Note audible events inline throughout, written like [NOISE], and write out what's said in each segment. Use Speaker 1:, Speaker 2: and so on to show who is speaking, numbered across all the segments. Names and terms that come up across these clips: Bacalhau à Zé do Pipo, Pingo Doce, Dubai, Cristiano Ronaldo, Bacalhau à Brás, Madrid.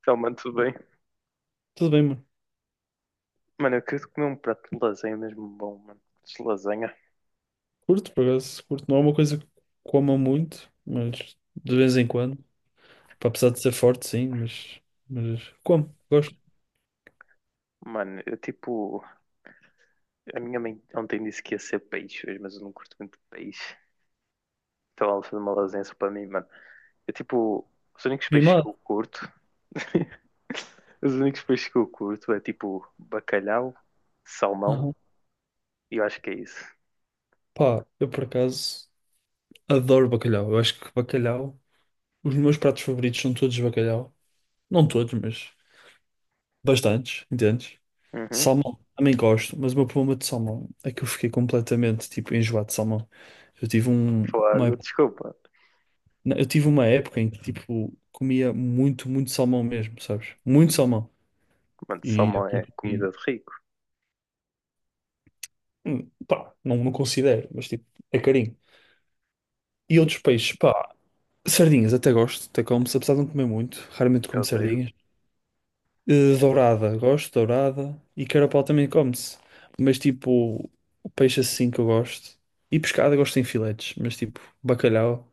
Speaker 1: Então, mano, tudo bem?
Speaker 2: Tudo bem, mano.
Speaker 1: Mano, eu queria comer um prato de lasanha mesmo bom, mano. De lasanha.
Speaker 2: Curto, por acaso. Curto. Não é uma coisa que coma muito, mas de vez em quando. Pá, apesar de ser forte, sim, mas como? Gosto.
Speaker 1: Mano, eu tipo. A minha mãe ontem disse que ia ser peixe hoje, mas eu não curto muito peixe. Então ela fez uma lasanha só para mim, mano. Eu tipo. Os únicos peixes
Speaker 2: Mimado.
Speaker 1: que eu curto. [LAUGHS] Os únicos peixes que eu curto é tipo bacalhau, salmão
Speaker 2: Aham.
Speaker 1: e eu acho que é isso.
Speaker 2: Pá, eu por acaso adoro bacalhau. Eu acho que bacalhau. Os meus pratos favoritos são todos de bacalhau. Não todos, mas bastantes, entendes?
Speaker 1: Uhum.
Speaker 2: Salmão, também gosto, mas o meu problema de salmão é que eu fiquei completamente tipo enjoado de salmão. Eu tive um- uma
Speaker 1: Fogo, desculpa.
Speaker 2: Não, eu tive uma época em que, tipo, comia muito, muito salmão mesmo, sabes? Muito salmão.
Speaker 1: Mano,
Speaker 2: E, é
Speaker 1: salmão é
Speaker 2: porque-
Speaker 1: comida de rico.
Speaker 2: pá, não, não considero, mas, tipo, é carinho. E outros peixes, pá, sardinhas até gosto, até como, se apesar de não comer muito, raramente
Speaker 1: Eu
Speaker 2: como
Speaker 1: odeio.
Speaker 2: sardinhas. Dourada, gosto, de dourada. E carapau também come-se. Mas, tipo, o peixe assim que eu gosto. E pescada gosto em filetes, mas, tipo, bacalhau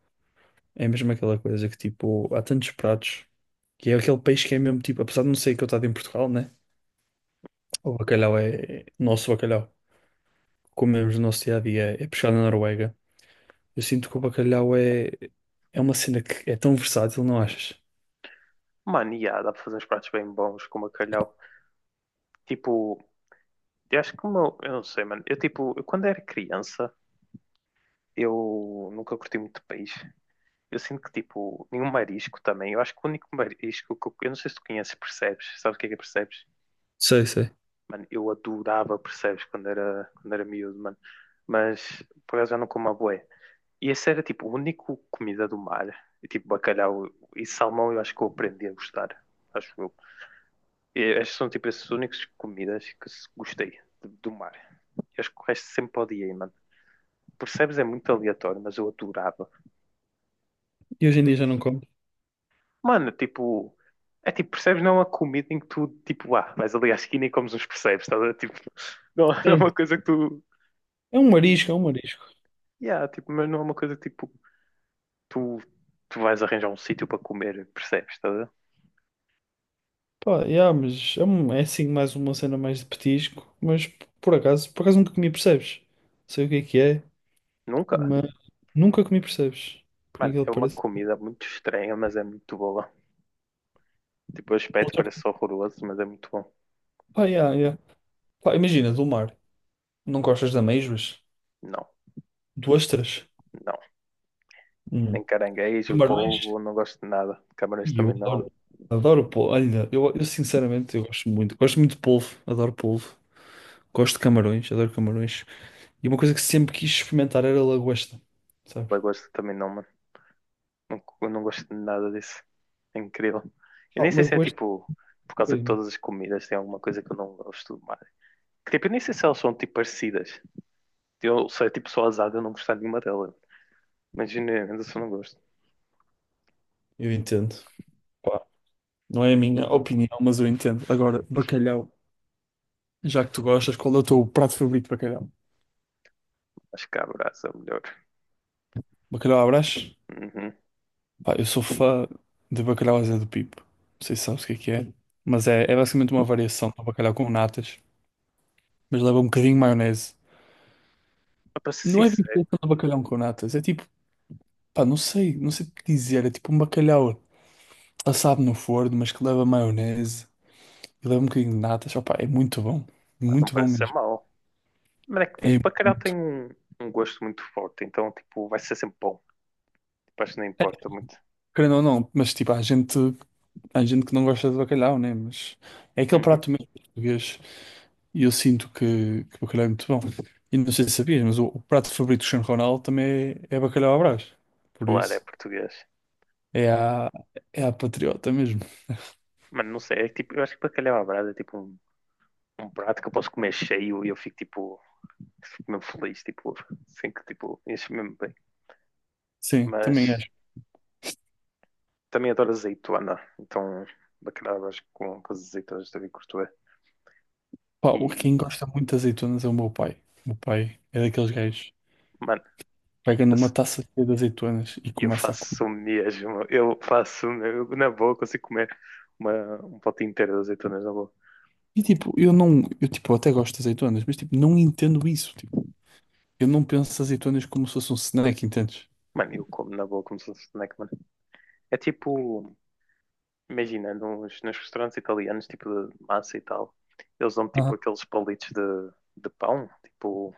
Speaker 2: é mesmo aquela coisa que, tipo, há tantos pratos. Que é aquele peixe que é mesmo, tipo, apesar de não ser que eu estava em Portugal, né? O bacalhau é nosso bacalhau. Comemos no nosso dia a dia, é pescado na Noruega. Eu sinto que o bacalhau é uma cena que é tão versátil, não achas?
Speaker 1: Mano, e há, dá para fazer uns pratos bem bons com bacalhau. Tipo, eu acho que o meu, eu não sei, mano. Eu tipo, eu, quando era criança, eu nunca curti muito peixe. Eu sinto que tipo, nenhum marisco também. Eu acho que o único marisco que eu não sei se tu conheces, percebes? Sabes o que é percebes?
Speaker 2: Sei, sei.
Speaker 1: Mano, eu adorava percebes quando era miúdo, mano. Mas por acaso já não como a bué. E esse era tipo, o único comida do mar. E, tipo, bacalhau e salmão, eu acho que eu aprendi a gostar. Acho eu. E estas são tipo essas únicas comidas que gostei do mar. Eu acho que o resto sempre odiei, mano. Percebes? É muito aleatório, mas eu adorava.
Speaker 2: E hoje em dia já não como.
Speaker 1: Mano, tipo, é tipo, percebes? Não é uma comida em que tu, tipo, ah, vais ali à esquina e comes uns percebes, estás a ver? Tipo, [LAUGHS] não, não é
Speaker 2: Sim.
Speaker 1: uma coisa que tu,
Speaker 2: É um marisco, é um marisco.
Speaker 1: yeah, tipo, mas não é uma coisa que, tipo, tu, tu vais arranjar um sítio para comer, percebes? Estás a ver?
Speaker 2: Pá, yeah, mas é assim mais uma cena mais de petisco, mas por acaso nunca comi, percebes? Sei o que é,
Speaker 1: Nunca.
Speaker 2: mas nunca comi, percebes? Por
Speaker 1: Mano,
Speaker 2: incrível
Speaker 1: é
Speaker 2: que
Speaker 1: uma
Speaker 2: pareça.
Speaker 1: comida muito estranha, mas é muito boa. Tipo, o aspecto
Speaker 2: Outra coisa.
Speaker 1: parece horroroso, mas é muito bom.
Speaker 2: Pá, yeah, yeah. Pá, imagina, do mar. Não gostas de ameijoas?
Speaker 1: Não,
Speaker 2: De ostras?
Speaker 1: não.
Speaker 2: Hum.
Speaker 1: Nem caranguejo,
Speaker 2: Camarões?
Speaker 1: polvo, não gosto de nada. Camarões
Speaker 2: E eu
Speaker 1: também não.
Speaker 2: adoro polvo. Olha, eu sinceramente eu gosto muito. Gosto muito de polvo, adoro polvo. Gosto de camarões, adoro camarões. E uma coisa que sempre quis experimentar era lagosta, sabes?
Speaker 1: Lagosta também não, mano. Não, eu não gosto de nada disso. É incrível. Eu
Speaker 2: Ah,
Speaker 1: nem sei se é
Speaker 2: lagosta,
Speaker 1: tipo por causa que
Speaker 2: bem,
Speaker 1: todas as comidas têm alguma coisa que eu não gosto mais. Que, tipo, eu nem sei se elas são tipo parecidas. Eu sei tipo só azada, eu não gostar de nenhuma delas. Mas ainda só não gosto.
Speaker 2: eu entendo. Pá, não é a minha opinião, mas eu entendo. Agora, bacalhau, já que tu gostas, qual é o teu prato favorito de bacalhau?
Speaker 1: Acho que a brasa é melhor.
Speaker 2: Bacalhau à Brás?
Speaker 1: Uhum.
Speaker 2: Pá, eu sou fã de bacalhau à Zé do Pipo. Não sei se sabes o que é, mas é basicamente uma variação do bacalhau com natas, mas leva um bocadinho de maionese.
Speaker 1: Mas para ser
Speaker 2: Não é
Speaker 1: sincero,
Speaker 2: vinculação de bacalhau com natas, é tipo, pá, não sei o que dizer, é tipo um bacalhau assado no forno, mas que leva maionese e leva um bocadinho de natas, opá, é
Speaker 1: não
Speaker 2: muito bom
Speaker 1: parece ser
Speaker 2: mesmo,
Speaker 1: mau. Mas é que tipo,
Speaker 2: é
Speaker 1: bacalhau tem
Speaker 2: muito,
Speaker 1: um gosto muito forte, então tipo, vai ser sempre bom. Tipo, acho que não importa muito.
Speaker 2: querendo ou não, mas tipo, há gente que não gosta de bacalhau, né, mas é aquele
Speaker 1: Uhum.
Speaker 2: prato mesmo português e eu sinto que o bacalhau é muito bom. E não sei se sabias, mas o prato favorito do Cristiano Ronaldo também é bacalhau à Brás, por
Speaker 1: Claro, é
Speaker 2: isso
Speaker 1: português.
Speaker 2: é a, é a patriota mesmo,
Speaker 1: Mas não sei, é que, tipo, eu acho que bacalhau à brasa é tipo um prato que eu posso comer cheio e eu fico mesmo feliz, tipo, [LAUGHS] assim que tipo, enche mesmo bem.
Speaker 2: sim, também é.
Speaker 1: Mas também adoro azeitona, então bacalhau com as azeitonas também curto bem.
Speaker 2: Pá, quem
Speaker 1: E,
Speaker 2: gosta muito de azeitonas é o meu pai. O meu pai é daqueles gajos
Speaker 1: mano,
Speaker 2: que pega
Speaker 1: eu,
Speaker 2: numa taça cheia de azeitonas e
Speaker 1: eu
Speaker 2: começa a comer.
Speaker 1: faço mesmo, na boa consigo comer um pote inteiro de azeitonas na boa.
Speaker 2: E tipo, eu não, eu tipo, até gosto de azeitonas, mas tipo, não entendo isso. Tipo, eu não penso azeitonas como se fosse um snack, entendes?
Speaker 1: Mano, eu como na boa como se fosse snack, mano. É tipo, imagina, nos restaurantes italianos, tipo de massa e tal, eles dão tipo
Speaker 2: Aham.
Speaker 1: aqueles palitos de pão, tipo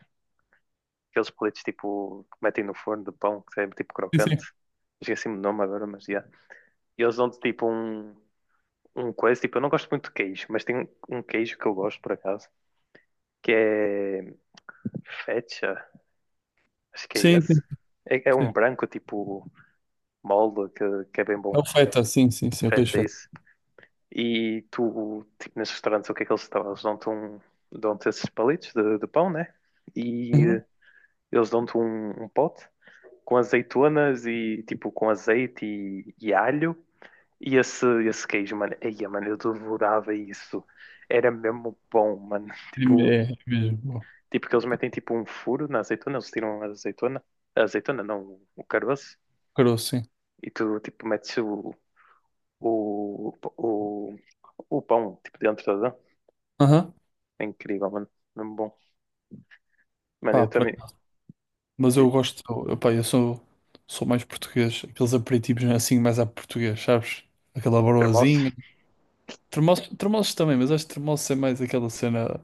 Speaker 1: aqueles palitos tipo que metem no forno de pão, que é tipo
Speaker 2: Sim,
Speaker 1: crocante.
Speaker 2: sim.
Speaker 1: Esqueci-me do nome agora, mas já. E eles dão-te tipo um coisa, tipo, eu não gosto muito de queijo, mas tem um queijo que eu gosto por acaso, que é feta, acho que é
Speaker 2: Sim,
Speaker 1: esse.
Speaker 2: sim,
Speaker 1: É um
Speaker 2: sim.
Speaker 1: branco tipo molde, que é bem
Speaker 2: É
Speaker 1: bom.
Speaker 2: o feta, sim, sim, sim, é o queijo
Speaker 1: Feta é
Speaker 2: feta.
Speaker 1: isso. E tu, tipo, nesses restaurantes, o que é que eles dão? Eles dão-te um, dão esses palitos de pão, né? E
Speaker 2: Uhum.
Speaker 1: eles dão-te um pote com azeitonas e tipo com azeite e alho. E esse queijo, mano, eia, mano, eu devorava isso. Era mesmo bom, mano. [LAUGHS] Tipo,
Speaker 2: É mesmo, bom.
Speaker 1: que eles metem tipo um furo na azeitona, eles tiram a azeitona não, o caroço,
Speaker 2: Caroço, sim.
Speaker 1: e tu tipo metes o, o, o pão tipo dentro da dã.
Speaker 2: Aham.
Speaker 1: É incrível, mano. Mesmo bom. Mano, eu
Speaker 2: Pá, por
Speaker 1: também.
Speaker 2: acaso. Mas eu
Speaker 1: Tipo,
Speaker 2: gosto, eu, pá, eu sou mais português, aqueles aperitivos assim mais à português, sabes? Aquela
Speaker 1: cremoso,
Speaker 2: broazinha. Tremoços, tremoços também, mas acho que tremoços é mais aquela cena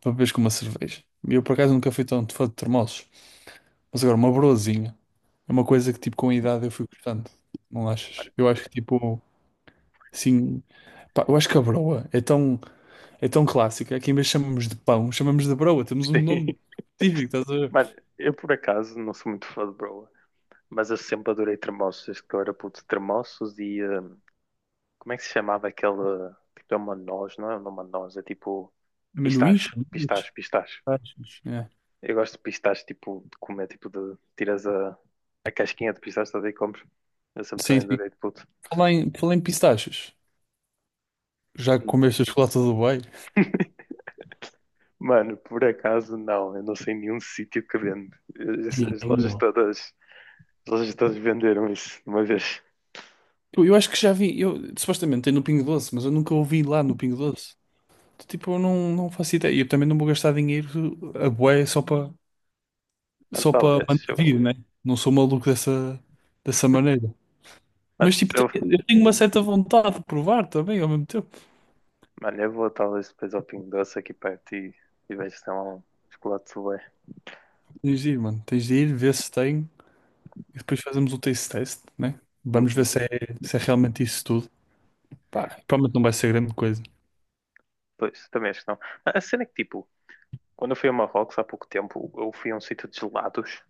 Speaker 2: para beberes com uma cerveja. E eu por acaso nunca fui tão fã de tremoços. Mas agora, uma broazinha é uma coisa que tipo com a idade eu fui gostando. Não achas?
Speaker 1: mano.
Speaker 2: Eu acho que tipo, assim, pá, eu acho que a broa é tão, clássica que em vez de chamamos de pão, chamamos de broa. Temos um nome
Speaker 1: [LAUGHS] Sim.
Speaker 2: específico, estás a ver?
Speaker 1: Mano, eu por acaso não sou muito fã de broa. Mas eu sempre adorei tremoços, desde que eu era puto. Tremoços e. Como é que se chamava aquele. Tipo, é uma noz, não é uma noz, é tipo.
Speaker 2: Amendoins,
Speaker 1: Pistache,
Speaker 2: chamamos.
Speaker 1: pistache, pistache.
Speaker 2: Pistachos. É.
Speaker 1: Eu gosto de pistache, tipo, de comer, tipo, de. Tiras a casquinha de pistache toda e comes. Eu sempre
Speaker 2: Sim,
Speaker 1: também
Speaker 2: sim.
Speaker 1: adorei de puto.
Speaker 2: Falar em pistachos, já comeste a chocolate do Dubai?
Speaker 1: [LAUGHS] Mano, por acaso não, eu não sei nenhum sítio que vende. As,
Speaker 2: Sim.
Speaker 1: as lojas todas, as lojas todas venderam isso de uma vez.
Speaker 2: Eu acho que já vi, eu, supostamente tem no Pingo Doce, mas eu nunca ouvi lá no Pingo Doce. Tipo, eu não faço ideia. E eu também não vou gastar dinheiro a bué só para
Speaker 1: Mas talvez,
Speaker 2: mandar
Speaker 1: eu vou.
Speaker 2: vir, né? Não sou maluco dessa maneira.
Speaker 1: Mas
Speaker 2: Mas tipo,
Speaker 1: eu
Speaker 2: eu tenho uma certa vontade de provar também ao mesmo tempo.
Speaker 1: Mano, eu vou talvez depois ao Pingo Doce aqui perto e vejo se tem lá um chocolate sorbet.
Speaker 2: Tens de ir, mano. Tens de ir, ver se tem e depois fazemos o taste test, né? Vamos ver
Speaker 1: Uhum.
Speaker 2: se é realmente isso tudo. Pá, provavelmente não vai ser grande coisa.
Speaker 1: Pois, também acho que não. A cena é que, tipo, quando eu fui a Marrocos há pouco tempo, eu fui a um sítio de gelados.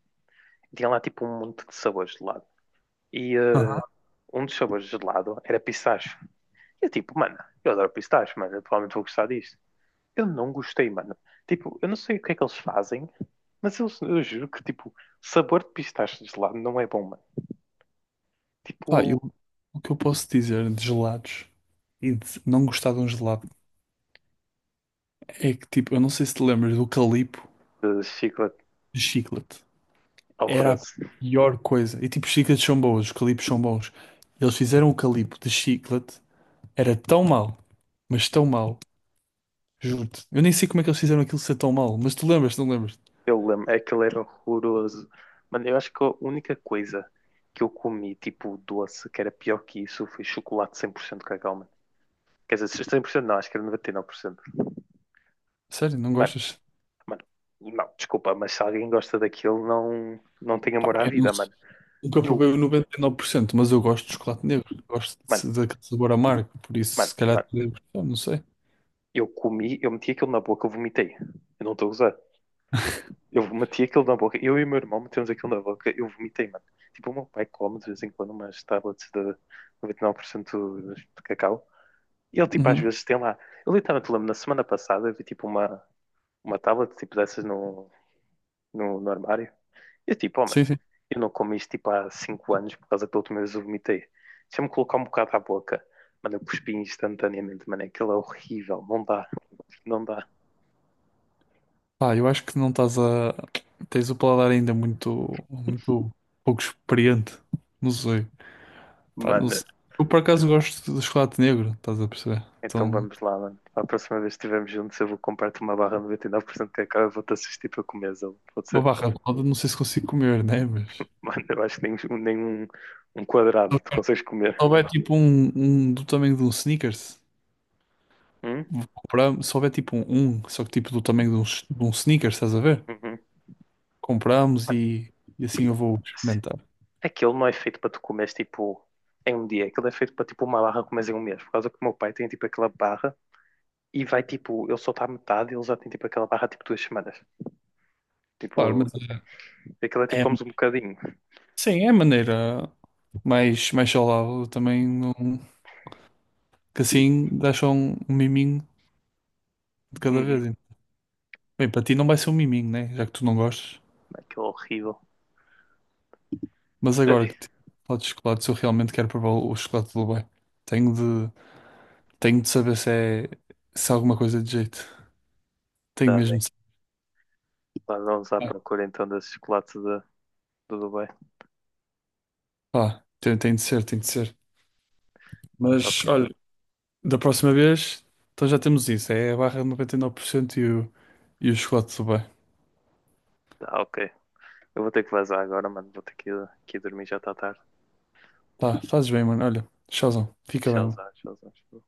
Speaker 1: E tinha lá, tipo, um monte de sabores de gelado. E
Speaker 2: Aham.
Speaker 1: um dos sabores de gelado era pistache. E eu, tipo, mano, eu adoro pistache, mano, eu provavelmente vou gostar disto. Eu não gostei, mano. Tipo, eu não sei o que é que eles fazem, mas eu juro que, tipo, sabor de pistache de gelado não é bom, mano.
Speaker 2: Pá,
Speaker 1: Tipo,
Speaker 2: o que eu posso dizer de gelados e de não gostar de um gelado? É que tipo, eu não sei se te lembras do calipo
Speaker 1: chiclete
Speaker 2: de chiclete. Era a
Speaker 1: horroroso.
Speaker 2: pior coisa. E tipo, os chicletes são bons, os calipos são bons. Eles fizeram o calipo de chiclete, era tão mal, mas tão mal, juro-te. Eu nem sei como é que eles fizeram aquilo ser tão mal, mas tu lembras, não lembras?
Speaker 1: Eu lembro, é que ele era horroroso. Mano, eu acho que a única coisa que eu comi, tipo doce, que era pior que isso, foi chocolate 100% cacau, mano. Quer dizer, 100% não, acho que era 99%.
Speaker 2: Sério, não
Speaker 1: Mano,
Speaker 2: gostas?
Speaker 1: mano, não, desculpa, mas se alguém gosta daquilo, não, não tem
Speaker 2: Pá,
Speaker 1: amor à
Speaker 2: eu não
Speaker 1: vida,
Speaker 2: sei.
Speaker 1: mano.
Speaker 2: Nunca provei
Speaker 1: Eu,
Speaker 2: o 99%, mas eu gosto de chocolate negro. Gosto
Speaker 1: mano,
Speaker 2: daquele sabor amargo, por isso
Speaker 1: mano,
Speaker 2: se calhar
Speaker 1: mano,
Speaker 2: te lembro. Eu não sei.
Speaker 1: eu comi, eu meti aquilo na boca, eu vomitei. Eu não estou a usar. Eu meti aquilo na boca, eu e o meu irmão metemos aquilo na boca, eu vomitei, mano. Tipo, o meu pai come de vez em quando umas tablets de 99% de cacau. E ele, tipo, às
Speaker 2: Uhum.
Speaker 1: vezes tem lá. Eu literalmente lembro, na semana passada, eu vi, tipo, uma tablet, tipo, dessas no armário. E eu, tipo, oh, mano,
Speaker 2: Sim, sim.
Speaker 1: eu não como isto, tipo, há 5 anos, por causa que da última vez eu vomitei. Deixa-me colocar um bocado à boca. Mano, eu cuspi instantaneamente, mano, aquilo é horrível. Não dá, não dá.
Speaker 2: Pá, eu acho que não estás a. Tens o paladar ainda muito, muito pouco experiente. Não sei. Pá, não
Speaker 1: Mano,
Speaker 2: sei. Eu por acaso gosto de chocolate negro, estás a perceber?
Speaker 1: então
Speaker 2: Então,
Speaker 1: vamos lá, mano. Para a próxima vez que estivermos juntos, eu vou comprar-te uma barra 99% de cacau e vou-te assistir para comer. Pode
Speaker 2: uma
Speaker 1: ser?
Speaker 2: barra de poda, não sei se consigo comer, né? Mas. Se
Speaker 1: Mano, eu acho que nem um quadrado tu consegues comer.
Speaker 2: houver tipo um do tamanho de um Snickers,
Speaker 1: Hum?
Speaker 2: vou comprar, se houver tipo só que tipo do tamanho de um Snickers, estás a ver?
Speaker 1: Uhum.
Speaker 2: Compramos
Speaker 1: Ah,
Speaker 2: e assim
Speaker 1: tipo,
Speaker 2: eu vou experimentar.
Speaker 1: aquilo não é feito para tu comeres tipo em um dia, aquilo é feito para tipo uma barra comeres em um mês, por causa que o meu pai tem tipo aquela barra e vai tipo, ele só está à metade e ele já tem tipo aquela barra tipo 2 semanas.
Speaker 2: Claro,
Speaker 1: Tipo,
Speaker 2: mas
Speaker 1: assim, aquilo é tipo
Speaker 2: é,
Speaker 1: comes um bocadinho.
Speaker 2: sim, é a maneira mais saudável. Eu também não. Que assim deixa um miminho de cada vez.
Speaker 1: Uhum.
Speaker 2: Bem, para ti não vai ser um miminho, né? Já que tu não gostas.
Speaker 1: Aquilo é horrível.
Speaker 2: Mas agora
Speaker 1: Ai,
Speaker 2: que tipo, falo de chocolates, eu realmente quero provar o chocolate de Dubai. Tenho de, tenho de saber se é, alguma coisa de jeito. Tenho
Speaker 1: tá
Speaker 2: mesmo
Speaker 1: bem.
Speaker 2: de saber.
Speaker 1: Lá vamos à
Speaker 2: Ah,
Speaker 1: procura então desse chocolate do Dubai.
Speaker 2: pá, tem de ser, tem de ser. Mas
Speaker 1: Ok,
Speaker 2: olha, da próxima vez, então já temos isso. É a barra de 99% e 9% e o chocolate de Dubai.
Speaker 1: tá ok. Eu vou ter que vazar agora, mano. Vou ter que ir, dormir, já está tarde.
Speaker 2: Tá, fazes bem, mano. Olha, tchauzão. Fica bem, mano.
Speaker 1: Tchauzão, tchauzão, tchauzão.